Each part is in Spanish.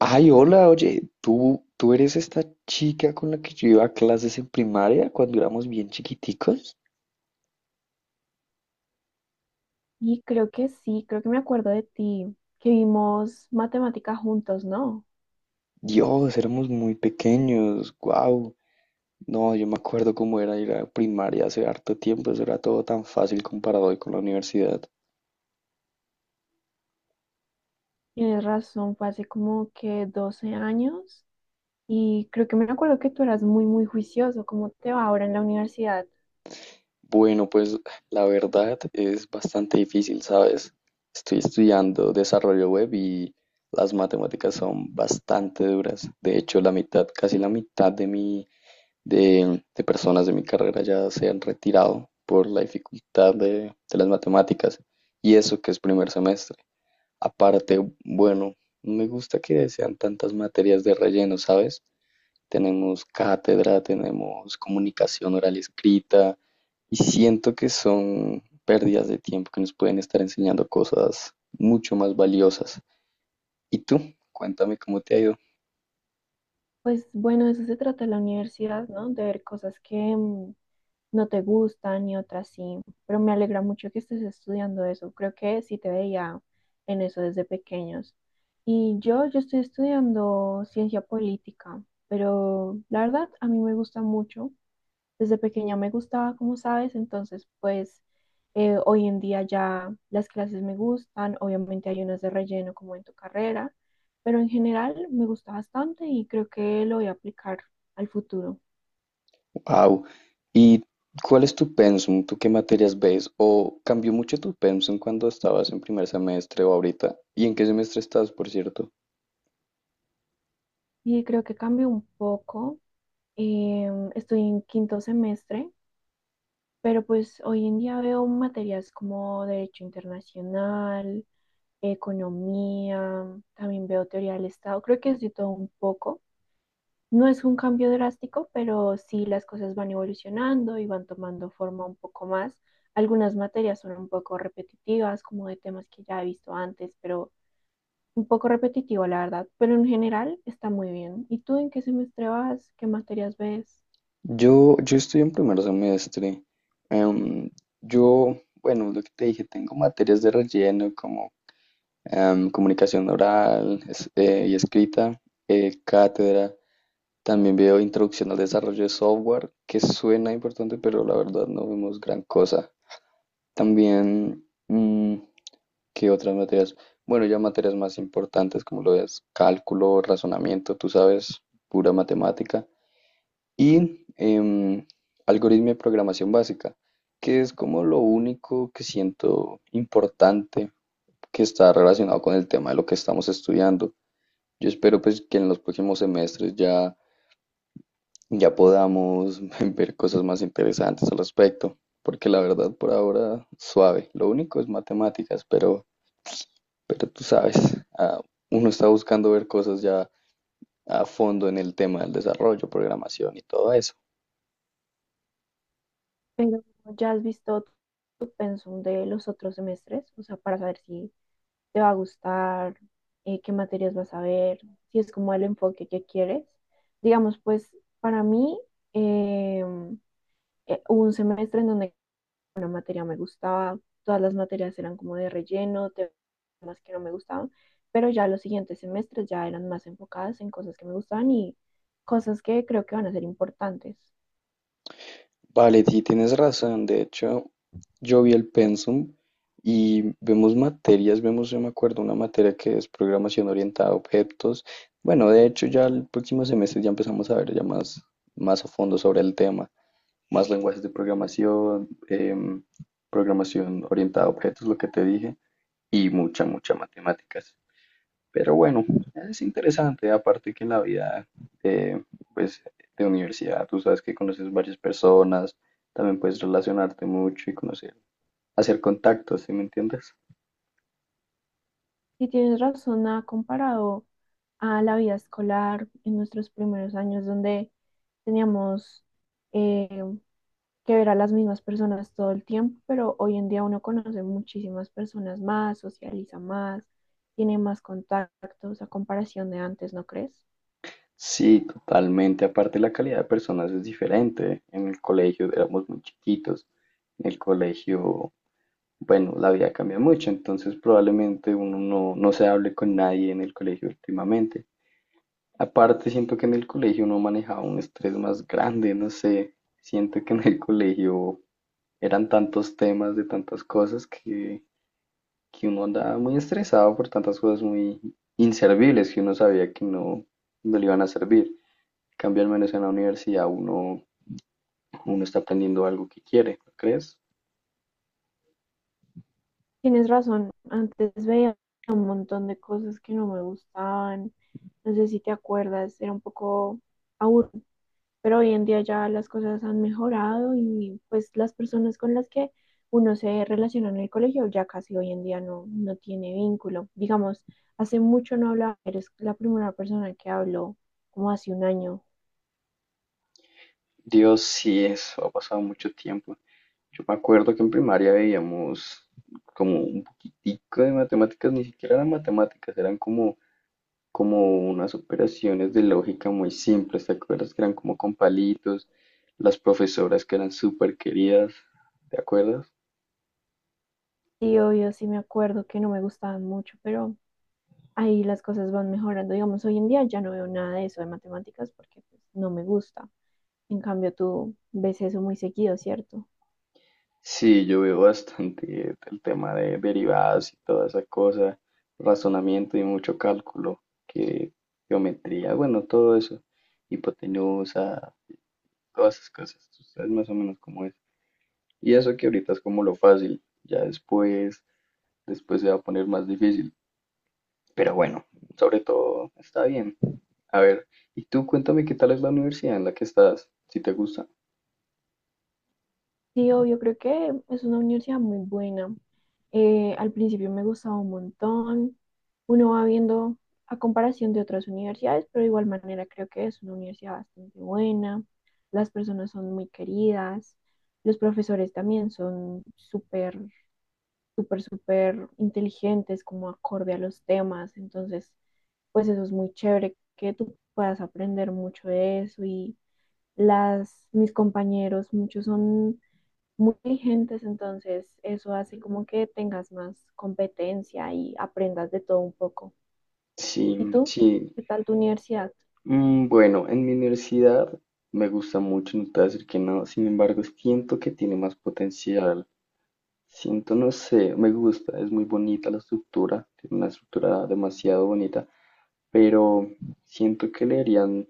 Ay, hola, oye, ¿tú eres esta chica con la que yo iba a clases en primaria cuando éramos bien chiquiticos? Y creo que sí, creo que me acuerdo de ti, que vimos matemática juntos, ¿no? Dios, éramos muy pequeños, wow. No, yo me acuerdo cómo era ir a primaria hace harto tiempo, eso era todo tan fácil comparado hoy con la universidad. Tienes razón, fue hace como que 12 años y creo que me acuerdo que tú eras muy, muy juicioso. ¿Cómo te va ahora en la universidad? Bueno, pues la verdad es bastante difícil, ¿sabes? Estoy estudiando desarrollo web y las matemáticas son bastante duras. De hecho, la mitad, casi la mitad de personas de mi carrera ya se han retirado por la dificultad de las matemáticas, y eso que es primer semestre. Aparte, bueno, no me gusta que sean tantas materias de relleno, ¿sabes? Tenemos cátedra, tenemos comunicación oral y escrita y siento que son pérdidas de tiempo que nos pueden estar enseñando cosas mucho más valiosas. ¿Y tú? Cuéntame cómo te ha ido. Pues bueno, de eso se trata la universidad, ¿no? De ver cosas que, no te gustan y otras sí, pero me alegra mucho que estés estudiando eso. Creo que sí te veía en eso desde pequeños. Y yo estoy estudiando ciencia política, pero la verdad a mí me gusta mucho. Desde pequeña me gustaba, como sabes, entonces pues hoy en día ya las clases me gustan, obviamente hay unas de relleno como en tu carrera, pero en general me gusta bastante y creo que lo voy a aplicar al futuro. Wow. ¿Y cuál es tu pensum? ¿Tú qué materias ves? ¿O cambió mucho tu pensum cuando estabas en primer semestre o ahorita? ¿Y en qué semestre estás, por cierto? Y creo que cambió un poco. Estoy en quinto semestre, pero pues hoy en día veo materias como Derecho Internacional, Economía, también veo Teoría del Estado, creo que es de todo un poco. No es un cambio drástico, pero sí las cosas van evolucionando y van tomando forma un poco más. Algunas materias son un poco repetitivas, como de temas que ya he visto antes, pero un poco repetitivo, la verdad. Pero en general está muy bien. ¿Y tú en qué semestre vas? ¿Qué materias ves? Yo estoy en primer semestre. Em, yo, bueno, lo que te dije, tengo materias de relleno como comunicación oral y escrita, cátedra. También veo introducción al desarrollo de software, que suena importante, pero la verdad no vemos gran cosa. También... mm, ¿Qué otras materias? Bueno, ya materias más importantes como lo es cálculo, razonamiento, tú sabes, pura matemática. Y algoritmo de programación básica, que es como lo único que siento importante, que está relacionado con el tema de lo que estamos estudiando. Yo espero pues que en los próximos semestres ya podamos ver cosas más interesantes al respecto, porque la verdad por ahora suave. Lo único es matemáticas, pero tú sabes, ah, uno está buscando ver cosas ya a fondo en el tema del desarrollo, programación y todo eso. Pero ya has visto tu pensum de los otros semestres, o sea, para saber si te va a gustar, qué materias vas a ver, si es como el enfoque que quieres. Digamos, pues para mí eh, hubo un semestre en donde una materia me gustaba, todas las materias eran como de relleno, temas que no me gustaban, pero ya los siguientes semestres ya eran más enfocadas en cosas que me gustaban y cosas que creo que van a ser importantes. Vale, sí, tienes razón. De hecho, yo vi el pensum y vemos, yo me acuerdo, una materia que es programación orientada a objetos. Bueno, de hecho, ya el próximo semestre ya empezamos a ver ya más a fondo sobre el tema, más lenguajes de programación, programación orientada a objetos, lo que te dije, y mucha matemáticas. Pero bueno, es interesante, aparte que en la vida eh, pues, de universidad, tú sabes que conoces varias personas, también puedes relacionarte mucho y conocer, hacer contactos, ¿sí me entiendes? Si tienes razón, ha comparado a la vida escolar en nuestros primeros años, donde teníamos eh, que ver a las mismas personas todo el tiempo, pero hoy en día uno conoce muchísimas personas más, socializa más, tiene más contactos a comparación de antes, ¿no crees? Sí, totalmente, aparte la calidad de personas es diferente. En el colegio éramos muy chiquitos, en el colegio, bueno, la vida cambia mucho, entonces probablemente uno no se hable con nadie en el colegio últimamente. Aparte, siento que en el colegio uno manejaba un estrés más grande, no sé, siento que en el colegio eran tantos temas de tantas cosas que uno andaba muy estresado por tantas cosas muy inservibles que uno sabía que no le iban a servir. En cambio, al menos en la universidad uno está aprendiendo algo que quiere, ¿no crees? Tienes razón, antes veía un montón de cosas que no me gustaban, no sé si te acuerdas, era un poco aburrido, pero hoy en día ya las cosas han mejorado y pues las personas con las que uno se relaciona en el colegio ya casi hoy en día no, no tiene vínculo. Digamos, hace mucho no hablaba, eres la primera persona que habló como hace un año. Dios, sí, eso ha pasado mucho tiempo. Yo me acuerdo que en primaria veíamos como un poquitico de matemáticas, ni siquiera eran matemáticas, eran como unas operaciones de lógica muy simples, ¿te acuerdas que eran como con palitos, las profesoras que eran súper queridas, ¿te acuerdas? Sí, obvio, sí me acuerdo que no me gustaban mucho, pero ahí las cosas van mejorando. Digamos, hoy en día ya no veo nada de eso de matemáticas porque pues, no me gusta. En cambio, tú ves eso muy seguido, ¿cierto? Sí, yo veo bastante el tema de derivadas y toda esa cosa, razonamiento y mucho cálculo, que geometría, bueno, todo eso, hipotenusa, todas esas cosas, tú sabes más o menos cómo es. Y eso que ahorita es como lo fácil, ya después se va a poner más difícil. Pero bueno, sobre todo está bien. A ver, y tú cuéntame qué tal es la universidad en la que estás, si te gusta. Sí, obvio, creo que es una universidad muy buena. Al principio me gustaba un montón. Uno va viendo a comparación de otras universidades, pero de igual manera creo que es una universidad bastante buena. Las personas son muy queridas. Los profesores también son súper, súper, súper inteligentes, como acorde a los temas. Entonces, pues eso es muy chévere que tú puedas aprender mucho de eso. Y las, mis compañeros, muchos son muy vigentes, entonces eso hace como que tengas más competencia y aprendas de todo un poco. Sí, ¿Y tú? sí. ¿Qué tal tu universidad? Mm, bueno, en mi universidad me gusta mucho, no te voy a decir que no. Sin embargo, siento que tiene más potencial. Siento, no sé, me gusta, es muy bonita la estructura, tiene una estructura demasiado bonita, pero siento que le harían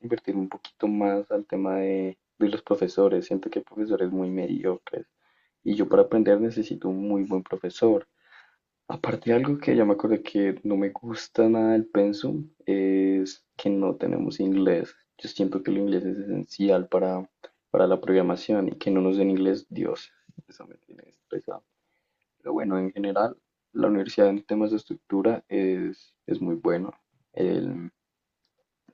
invertir un poquito más al tema de los profesores. Siento que hay profesores muy mediocres. Y yo para aprender necesito un muy buen profesor. Aparte, algo que ya me acordé que no me gusta nada del pensum es que no tenemos inglés. Yo siento que el inglés es esencial para la programación, y que no nos den inglés, Dios, eso me tiene estresado. Pero bueno, en general, la universidad en temas de estructura es muy bueno. El-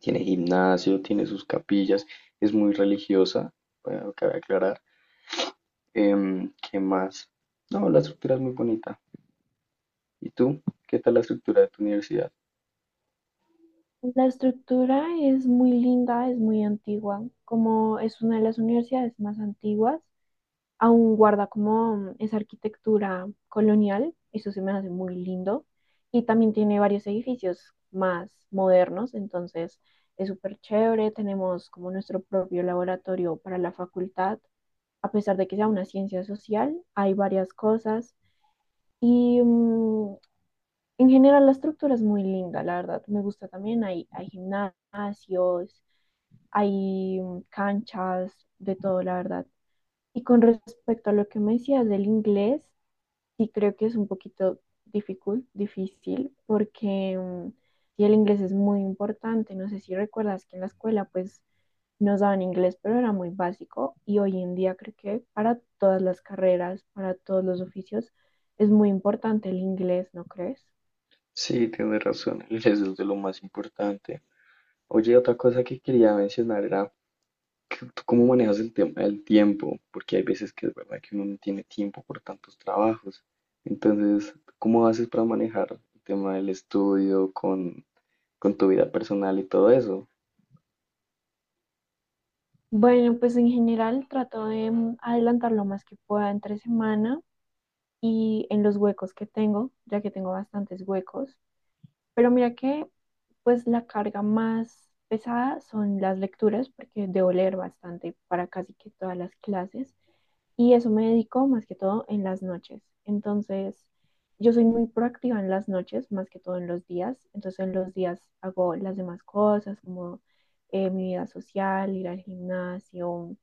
Tiene gimnasio, tiene sus capillas, es muy religiosa, bueno, cabe aclarar. ¿Qué más? No, la estructura es muy bonita. ¿Y tú? ¿Qué tal la estructura de tu universidad? La estructura es muy linda, es muy antigua, como es una de las universidades más antiguas, aún guarda como esa arquitectura colonial, eso se me hace muy lindo, y también tiene varios edificios más modernos, entonces es súper chévere, tenemos como nuestro propio laboratorio para la facultad, a pesar de que sea una ciencia social, hay varias cosas y, en general la estructura es muy linda, la verdad, me gusta también, hay gimnasios, hay, canchas, de todo, la verdad. Y con respecto a lo que me decías del inglés, sí creo que es un poquito difícil, difícil, porque, sí, el inglés es muy importante. No sé si recuerdas que en la escuela pues nos daban inglés, pero era muy básico y hoy en día creo que para todas las carreras, para todos los oficios, es muy importante el inglés, ¿no crees? Sí, tienes razón, el eso es de lo más importante. Oye, otra cosa que quería mencionar era que tú cómo manejas el tema del tiempo, porque hay veces que es verdad que uno no tiene tiempo por tantos trabajos. Entonces, ¿cómo haces para manejar el tema del estudio con tu vida personal y todo eso? Bueno, pues en general trato de, adelantar lo más que pueda entre semana y en los huecos que tengo, ya que tengo bastantes huecos. Pero mira que, pues la carga más pesada son las lecturas, porque debo leer bastante para casi que todas las clases. Y eso me dedico más que todo en las noches. Entonces, yo soy muy proactiva en las noches, más que todo en los días. Entonces, en los días hago las demás cosas, como mi vida social, ir al gimnasio,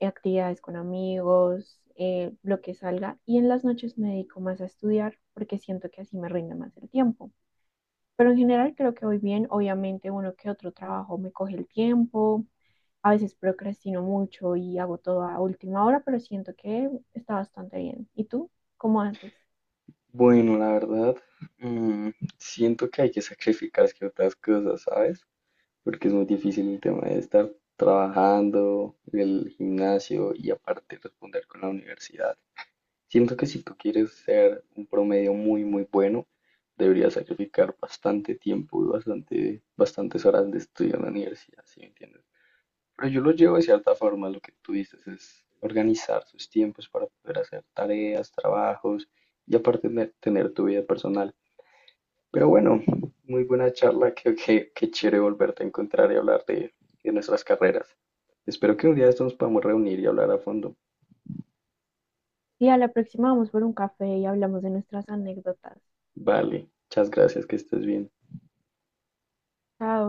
actividades con amigos, lo que salga. Y en las noches me dedico más a estudiar, porque siento que así me rinde más el tiempo. Pero en general creo que voy bien. Obviamente uno que otro trabajo me coge el tiempo. A veces procrastino mucho y hago todo a última hora, pero siento que está bastante bien. ¿Y tú? ¿Cómo haces? Bueno, la verdad, mm, siento que hay que sacrificar ciertas cosas, ¿sabes? Porque es muy difícil el tema de estar trabajando, el gimnasio y aparte responder con la universidad. Siento que si tú quieres ser un promedio muy bueno, deberías sacrificar bastante tiempo y bastantes horas de estudio en la universidad, ¿sí me entiendes? Pero yo lo llevo de cierta forma, lo que tú dices es organizar sus tiempos para poder hacer tareas, trabajos y aparte tener tu vida personal. Pero bueno, muy buena charla, qué chévere volverte a encontrar y hablar de nuestras carreras. Espero que un día de estos nos podamos reunir y hablar a fondo. Sí, a la próxima vamos por un café y hablamos de nuestras anécdotas. Vale, muchas gracias, que estés bien. Chao.